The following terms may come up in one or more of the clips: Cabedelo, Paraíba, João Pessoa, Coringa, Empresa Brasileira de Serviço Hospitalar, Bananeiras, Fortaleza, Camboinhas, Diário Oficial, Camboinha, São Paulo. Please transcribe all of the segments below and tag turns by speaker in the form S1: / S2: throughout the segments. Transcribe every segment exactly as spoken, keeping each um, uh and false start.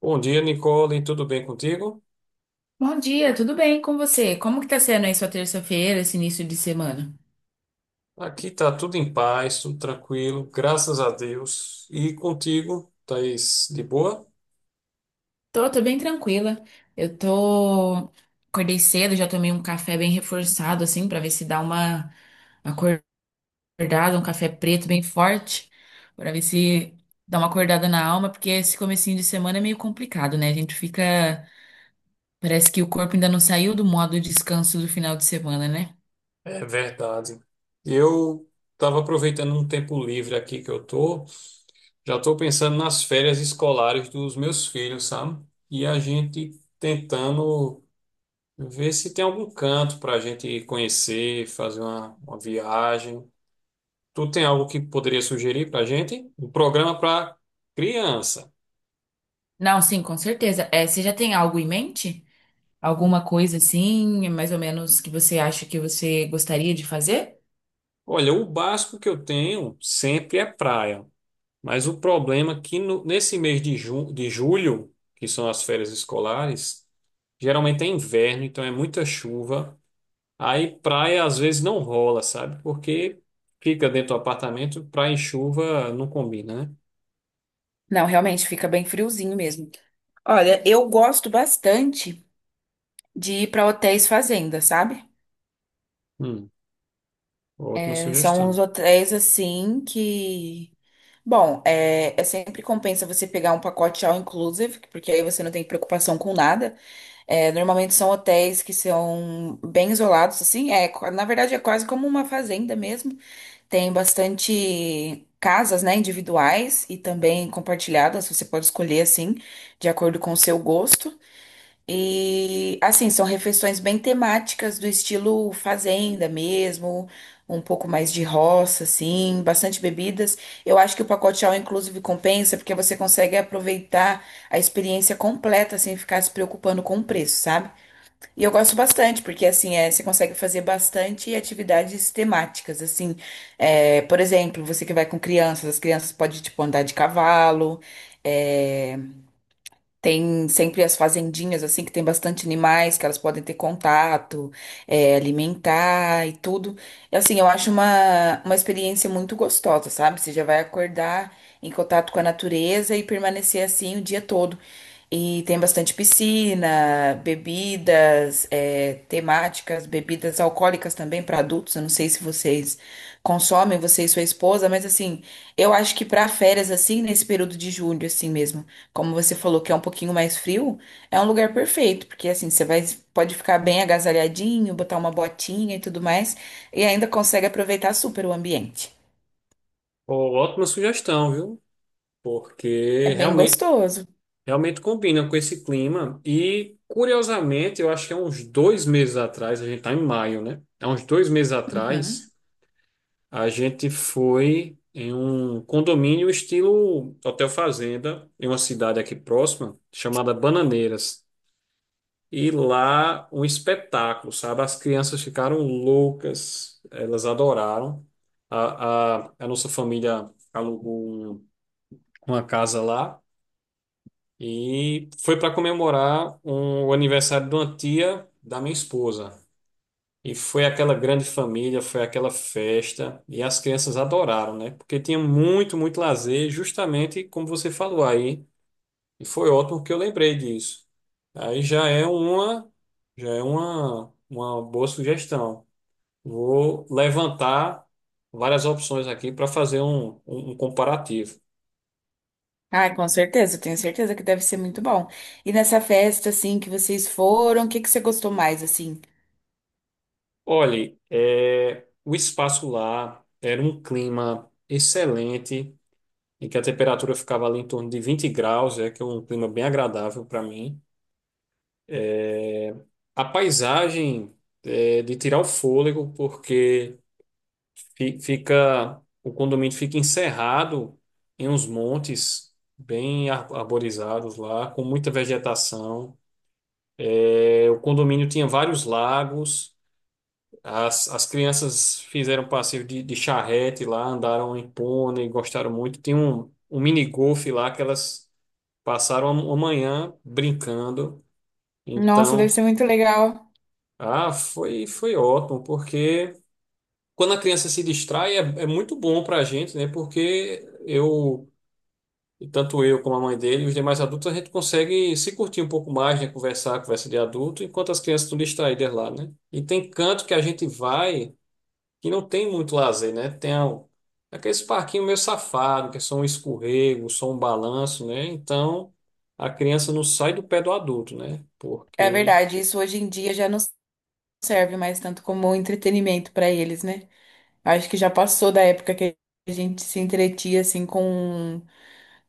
S1: Bom dia, Nicole. Tudo bem contigo?
S2: Bom dia, tudo bem com você? Como que tá sendo aí sua terça-feira, esse início de semana?
S1: Aqui tá tudo em paz, tudo tranquilo, graças a Deus. E contigo, Thaís, de boa?
S2: Tô, tô bem tranquila. Eu tô... Acordei cedo, já tomei um café bem reforçado, assim, pra ver se dá uma acordada, um café preto bem forte, pra ver se dá uma acordada na alma, porque esse comecinho de semana é meio complicado, né? A gente fica... Parece que o corpo ainda não saiu do modo descanso do final de semana, né?
S1: É verdade. Eu estava aproveitando um tempo livre aqui que eu tô. Já estou pensando nas férias escolares dos meus filhos, sabe? E a gente tentando ver se tem algum canto para a gente conhecer, fazer uma, uma viagem. Tu tem algo que poderia sugerir para a gente? Um programa para criança.
S2: Não, sim, com certeza. É, você já tem algo em mente? Alguma coisa assim, mais ou menos, que você acha que você gostaria de fazer?
S1: Olha, o básico que eu tenho sempre é praia, mas o problema é que no- nesse mês de, ju- de julho, que são as férias escolares, geralmente é inverno, então é muita chuva. Aí praia às vezes não rola, sabe? Porque fica dentro do apartamento, praia e chuva não combina, né?
S2: Não, realmente fica bem friozinho mesmo. Olha, eu gosto bastante de ir para hotéis fazenda, sabe?
S1: Hum, Ótima
S2: É, são
S1: sugestão.
S2: uns hotéis assim que, bom, é, é sempre compensa você pegar um pacote all inclusive, porque aí você não tem preocupação com nada. É, normalmente são hotéis que são bem isolados, assim. É, qua- na verdade é quase como uma fazenda mesmo. Tem bastante casas, né, individuais e também compartilhadas. Você pode escolher assim, de acordo com o seu gosto. E assim, são refeições bem temáticas do estilo fazenda mesmo, um pouco mais de roça, assim, bastante bebidas. Eu acho que o pacote all inclusive compensa porque você consegue aproveitar a experiência completa sem ficar se preocupando com o preço, sabe? E eu gosto bastante, porque assim, é, você consegue fazer bastante atividades temáticas, assim, é, por exemplo, você que vai com crianças, as crianças podem, tipo, andar de cavalo, é, tem sempre as fazendinhas, assim, que tem bastante animais que elas podem ter contato, é, alimentar e tudo. E, assim, eu acho uma, uma experiência muito gostosa, sabe? Você já vai acordar em contato com a natureza e permanecer assim o dia todo. E tem bastante piscina, bebidas, é, temáticas, bebidas alcoólicas também para adultos. Eu não sei se vocês consomem, você e sua esposa, mas assim, eu acho que para férias, assim, nesse período de julho, assim mesmo. Como você falou que é um pouquinho mais frio, é um lugar perfeito, porque assim, você vai, pode ficar bem agasalhadinho, botar uma botinha e tudo mais, e ainda consegue aproveitar super o ambiente.
S1: Ó, ótima sugestão, viu?
S2: É
S1: Porque
S2: bem
S1: realmente
S2: gostoso.
S1: Realmente combina com esse clima. E, curiosamente, eu acho que há uns dois meses atrás, a gente está em maio, né? Há uns dois meses
S2: Uhum.
S1: atrás, a gente foi em um condomínio estilo Hotel Fazenda, em uma cidade aqui próxima, chamada Bananeiras. E lá, um espetáculo, sabe? As crianças ficaram loucas, elas adoraram. A, a, a nossa família alugou um- uma casa lá. E foi para comemorar um- o aniversário de uma tia da minha esposa. E foi aquela grande família, foi aquela festa. E as crianças adoraram, né? Porque tinha muito, muito lazer, justamente como você falou aí. E foi ótimo que eu lembrei disso. Aí já é uma, já é uma, uma boa sugestão. Vou levantar várias opções aqui para fazer um, um um comparativo.
S2: Ah, com certeza, eu tenho certeza que deve ser muito bom. E nessa festa, assim, que vocês foram, o que que você gostou mais, assim?
S1: Olhe, é, o espaço lá era um clima excelente, em que a temperatura ficava ali em torno de vinte graus, é que é um clima bem agradável para mim. A paisagem é de tirar o fôlego, porque fi- fica o condomínio fica encerrado em uns montes bem ar- arborizados lá, com muita vegetação. É, o condomínio tinha vários lagos. As, as crianças fizeram passeio de, de charrete lá, andaram em pônei, gostaram muito. Tem um, um mini golfe lá que elas passaram a a manhã brincando.
S2: Nossa, deve
S1: Então,
S2: ser muito legal.
S1: ah, foi, foi ótimo, porque quando a criança se distrai é, é muito bom para a gente, né? Porque eu, tanto eu como a mãe dele, e os demais adultos, a gente consegue se curtir um pouco mais, né? Conversar, conversa de adulto, enquanto as crianças estão distraídas lá, né? E tem canto que a gente vai que não tem muito lazer, né? Tem a- aqueles parquinhos meio safado, que é só um escorrego, só um balanço, né? Então a criança não sai do pé do adulto, né?
S2: É
S1: Porque
S2: verdade, isso hoje em dia já não serve mais tanto como entretenimento para eles, né? Acho que já passou da época que a gente se entretia, assim, com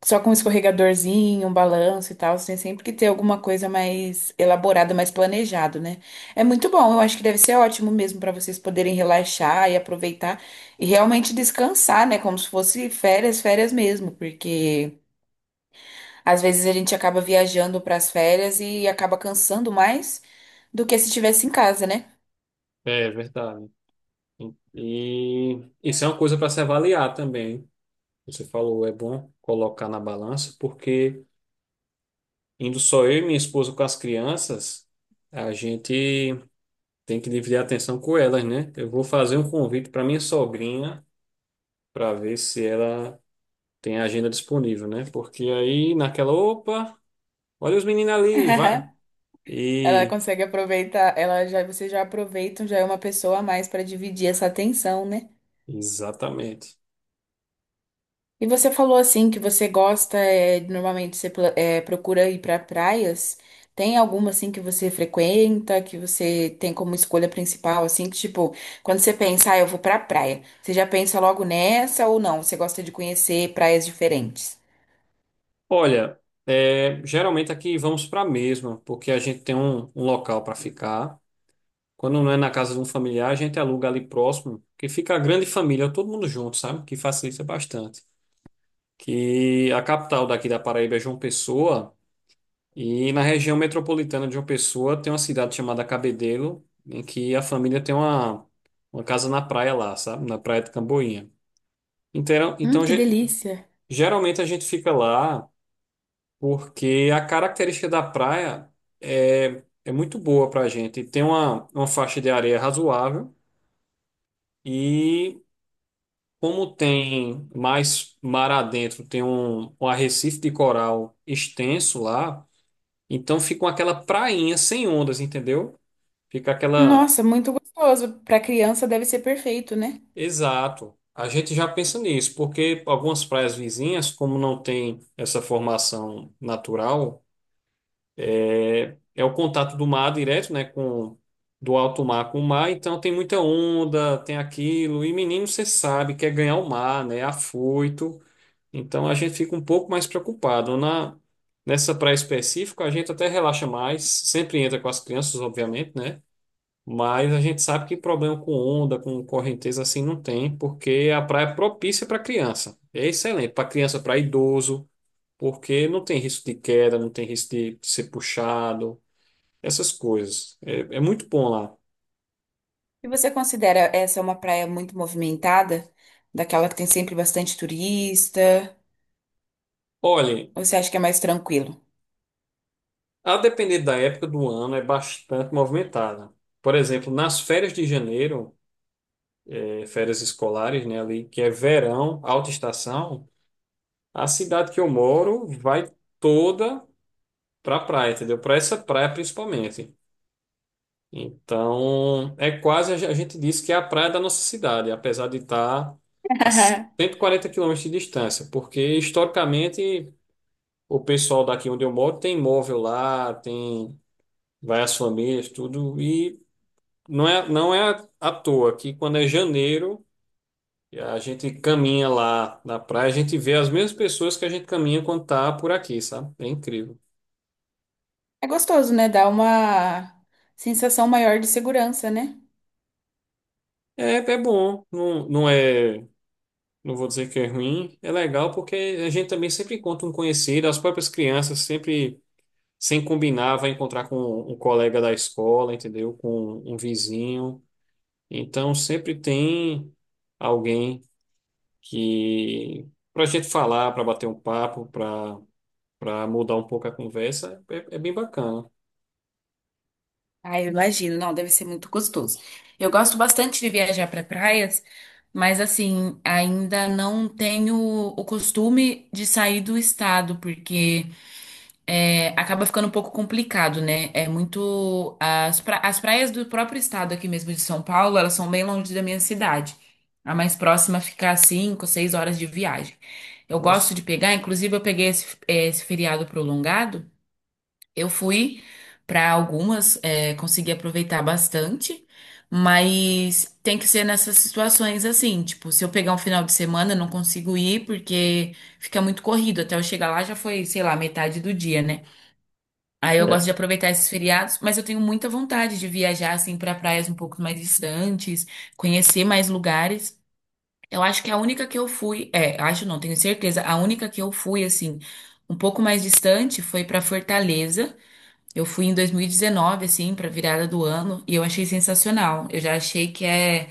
S2: só com um escorregadorzinho, um balanço e tal, você tem sempre que ter alguma coisa mais elaborada, mais planejado, né? É muito bom, eu acho que deve ser ótimo mesmo para vocês poderem relaxar e aproveitar e realmente descansar, né? Como se fosse férias, férias mesmo, porque às vezes a gente acaba viajando para as férias e acaba cansando mais do que se estivesse em casa, né?
S1: é verdade. E isso é uma coisa para se avaliar também. Você falou, é bom colocar na balança, porque indo só eu e minha esposa com as crianças, a gente tem que dividir a atenção com elas, né? Eu vou fazer um convite para minha sogrinha para ver se ela tem a agenda disponível, né? Porque aí naquela, opa, olha os meninos ali, vai.
S2: Ela
S1: E
S2: consegue aproveitar, ela já, vocês já aproveitam, já é uma pessoa a mais para dividir essa atenção, né?
S1: exatamente.
S2: E você falou assim que você gosta, é, normalmente você pla- é, procura ir para praias. Tem alguma assim que você frequenta, que você tem como escolha principal, assim, que tipo, quando você pensa, ah, eu vou pra praia, você já pensa logo nessa ou não? Você gosta de conhecer praias diferentes?
S1: Olha, é, geralmente aqui vamos para a mesma, porque a gente tem um, um local para ficar. Quando não é na casa de um familiar, a gente aluga ali próximo, que fica a grande família, todo mundo junto, sabe? Que facilita bastante. Que a capital daqui da Paraíba é João Pessoa. E na região metropolitana de João Pessoa tem uma cidade chamada Cabedelo, em que a família tem uma, uma casa na praia lá, sabe? Na praia de Camboinha. Então,
S2: Hum,
S1: então
S2: que
S1: ge-
S2: delícia.
S1: geralmente a gente fica lá porque a característica da praia é, é muito boa para a gente. Tem uma, uma faixa de areia razoável e como tem mais mar adentro, tem um, um arrecife de coral extenso lá, então fica aquela prainha sem ondas, entendeu? Fica aquela.
S2: Nossa, muito gostoso. Para criança deve ser perfeito, né?
S1: Exato. A gente já pensa nisso, porque algumas praias vizinhas, como não tem essa formação natural, é é o contato do mar direto, né, com do alto mar com o mar, então tem muita onda, tem aquilo, e menino você sabe quer ganhar o mar, né, é afoito. Então a gente fica um pouco mais preocupado na nessa praia específica, a gente até relaxa mais, sempre entra com as crianças, obviamente, né? Mas a gente sabe que problema com onda, com correnteza assim não tem, porque a praia é propícia para criança. É excelente para criança, para idoso, porque não tem risco de queda, não tem risco de ser puxado, essas coisas. É, é muito bom lá.
S2: E você considera essa uma praia muito movimentada? Daquela que tem sempre bastante turista?
S1: Olhem,
S2: Ou você acha que é mais tranquilo?
S1: a depender da época do ano, é bastante movimentada. Por exemplo, nas férias de janeiro, eh, férias escolares, né, ali, que é verão, alta estação, a cidade que eu moro vai toda para a praia, entendeu? Para essa praia principalmente. Então, é quase, a gente diz que é a praia da nossa cidade, apesar de estar a cento e quarenta quilômetros de distância, porque historicamente o pessoal daqui onde eu moro tem imóvel lá, tem várias famílias, tudo, e não é, não é à toa que quando é janeiro, e a gente caminha lá na praia, a gente vê as mesmas pessoas que a gente caminha quando tá por aqui, sabe? É incrível.
S2: É gostoso, né? Dá uma sensação maior de segurança, né?
S1: É, é bom, não, não é. Não vou dizer que é ruim, é legal porque a gente também sempre encontra um conhecido, as próprias crianças sempre, sem combinar, vai encontrar com um um colega da escola, entendeu? Com um vizinho. Então sempre tem alguém que para a gente falar, para bater um papo, para para mudar um pouco a conversa, é, é bem bacana.
S2: Ah, eu imagino. Não, deve ser muito gostoso. Eu gosto bastante de viajar para praias, mas assim, ainda não tenho o costume de sair do estado, porque é, acaba ficando um pouco complicado, né? É muito. As, pra- as praias do próprio estado aqui mesmo de São Paulo, elas são bem longe da minha cidade. A mais próxima fica a cinco, seis horas de viagem. Eu gosto
S1: Nossa.
S2: de pegar, inclusive eu peguei esse, esse feriado prolongado. Eu fui para algumas, é, consegui aproveitar bastante, mas tem que ser nessas situações assim, tipo, se eu pegar um final de semana, eu não consigo ir porque fica muito corrido. Até eu chegar lá já foi, sei lá, metade do dia, né? Aí eu gosto
S1: É.
S2: de aproveitar esses feriados, mas eu tenho muita vontade de viajar assim para praias um pouco mais distantes, conhecer mais lugares. Eu acho que a única que eu fui, é, acho não, tenho certeza, a única que eu fui assim, um pouco mais distante foi para Fortaleza. Eu fui em dois mil e dezenove assim, para virada do ano, e eu achei sensacional. Eu já achei que é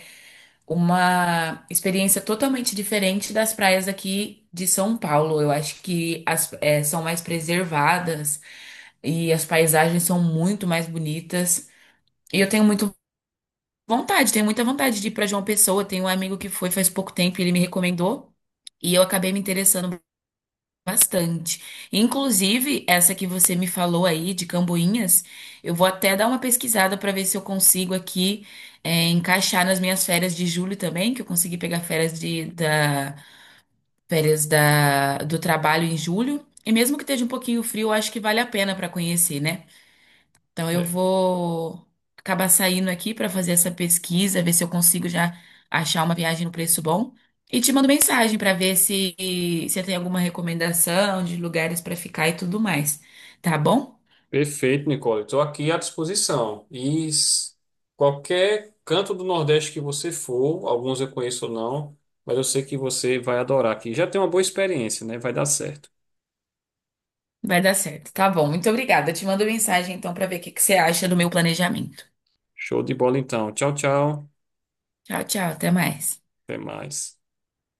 S2: uma experiência totalmente diferente das praias aqui de São Paulo. Eu acho que as, eh, são mais preservadas e as paisagens são muito mais bonitas. E eu tenho muito vontade, tenho muita vontade de ir para João Pessoa. Tenho um amigo que foi faz pouco tempo e ele me recomendou. E eu acabei me interessando bastante. Inclusive, essa que você me falou aí de Camboinhas, eu vou até dar uma pesquisada para ver se eu consigo aqui é, encaixar nas minhas férias de julho também, que eu consegui pegar férias de, da, férias da, do trabalho em julho. E mesmo que esteja um pouquinho frio, eu acho que vale a pena para conhecer, né? Então eu vou acabar saindo aqui para fazer essa pesquisa, ver se eu consigo já achar uma viagem no preço bom. E te mando mensagem para ver se se tem alguma recomendação de lugares para ficar e tudo mais. Tá bom?
S1: Perfeito, Nicole. Estou aqui à disposição. E s- qualquer canto do Nordeste que você for, alguns eu conheço ou não, mas eu sei que você vai adorar aqui. Já tem uma boa experiência, né? Vai dar certo.
S2: Vai dar certo. Tá bom. Muito obrigada. Eu te mando mensagem então para ver o que que você acha do meu planejamento.
S1: Show de bola então. Tchau, tchau.
S2: Tchau, tchau. Até mais.
S1: Até mais.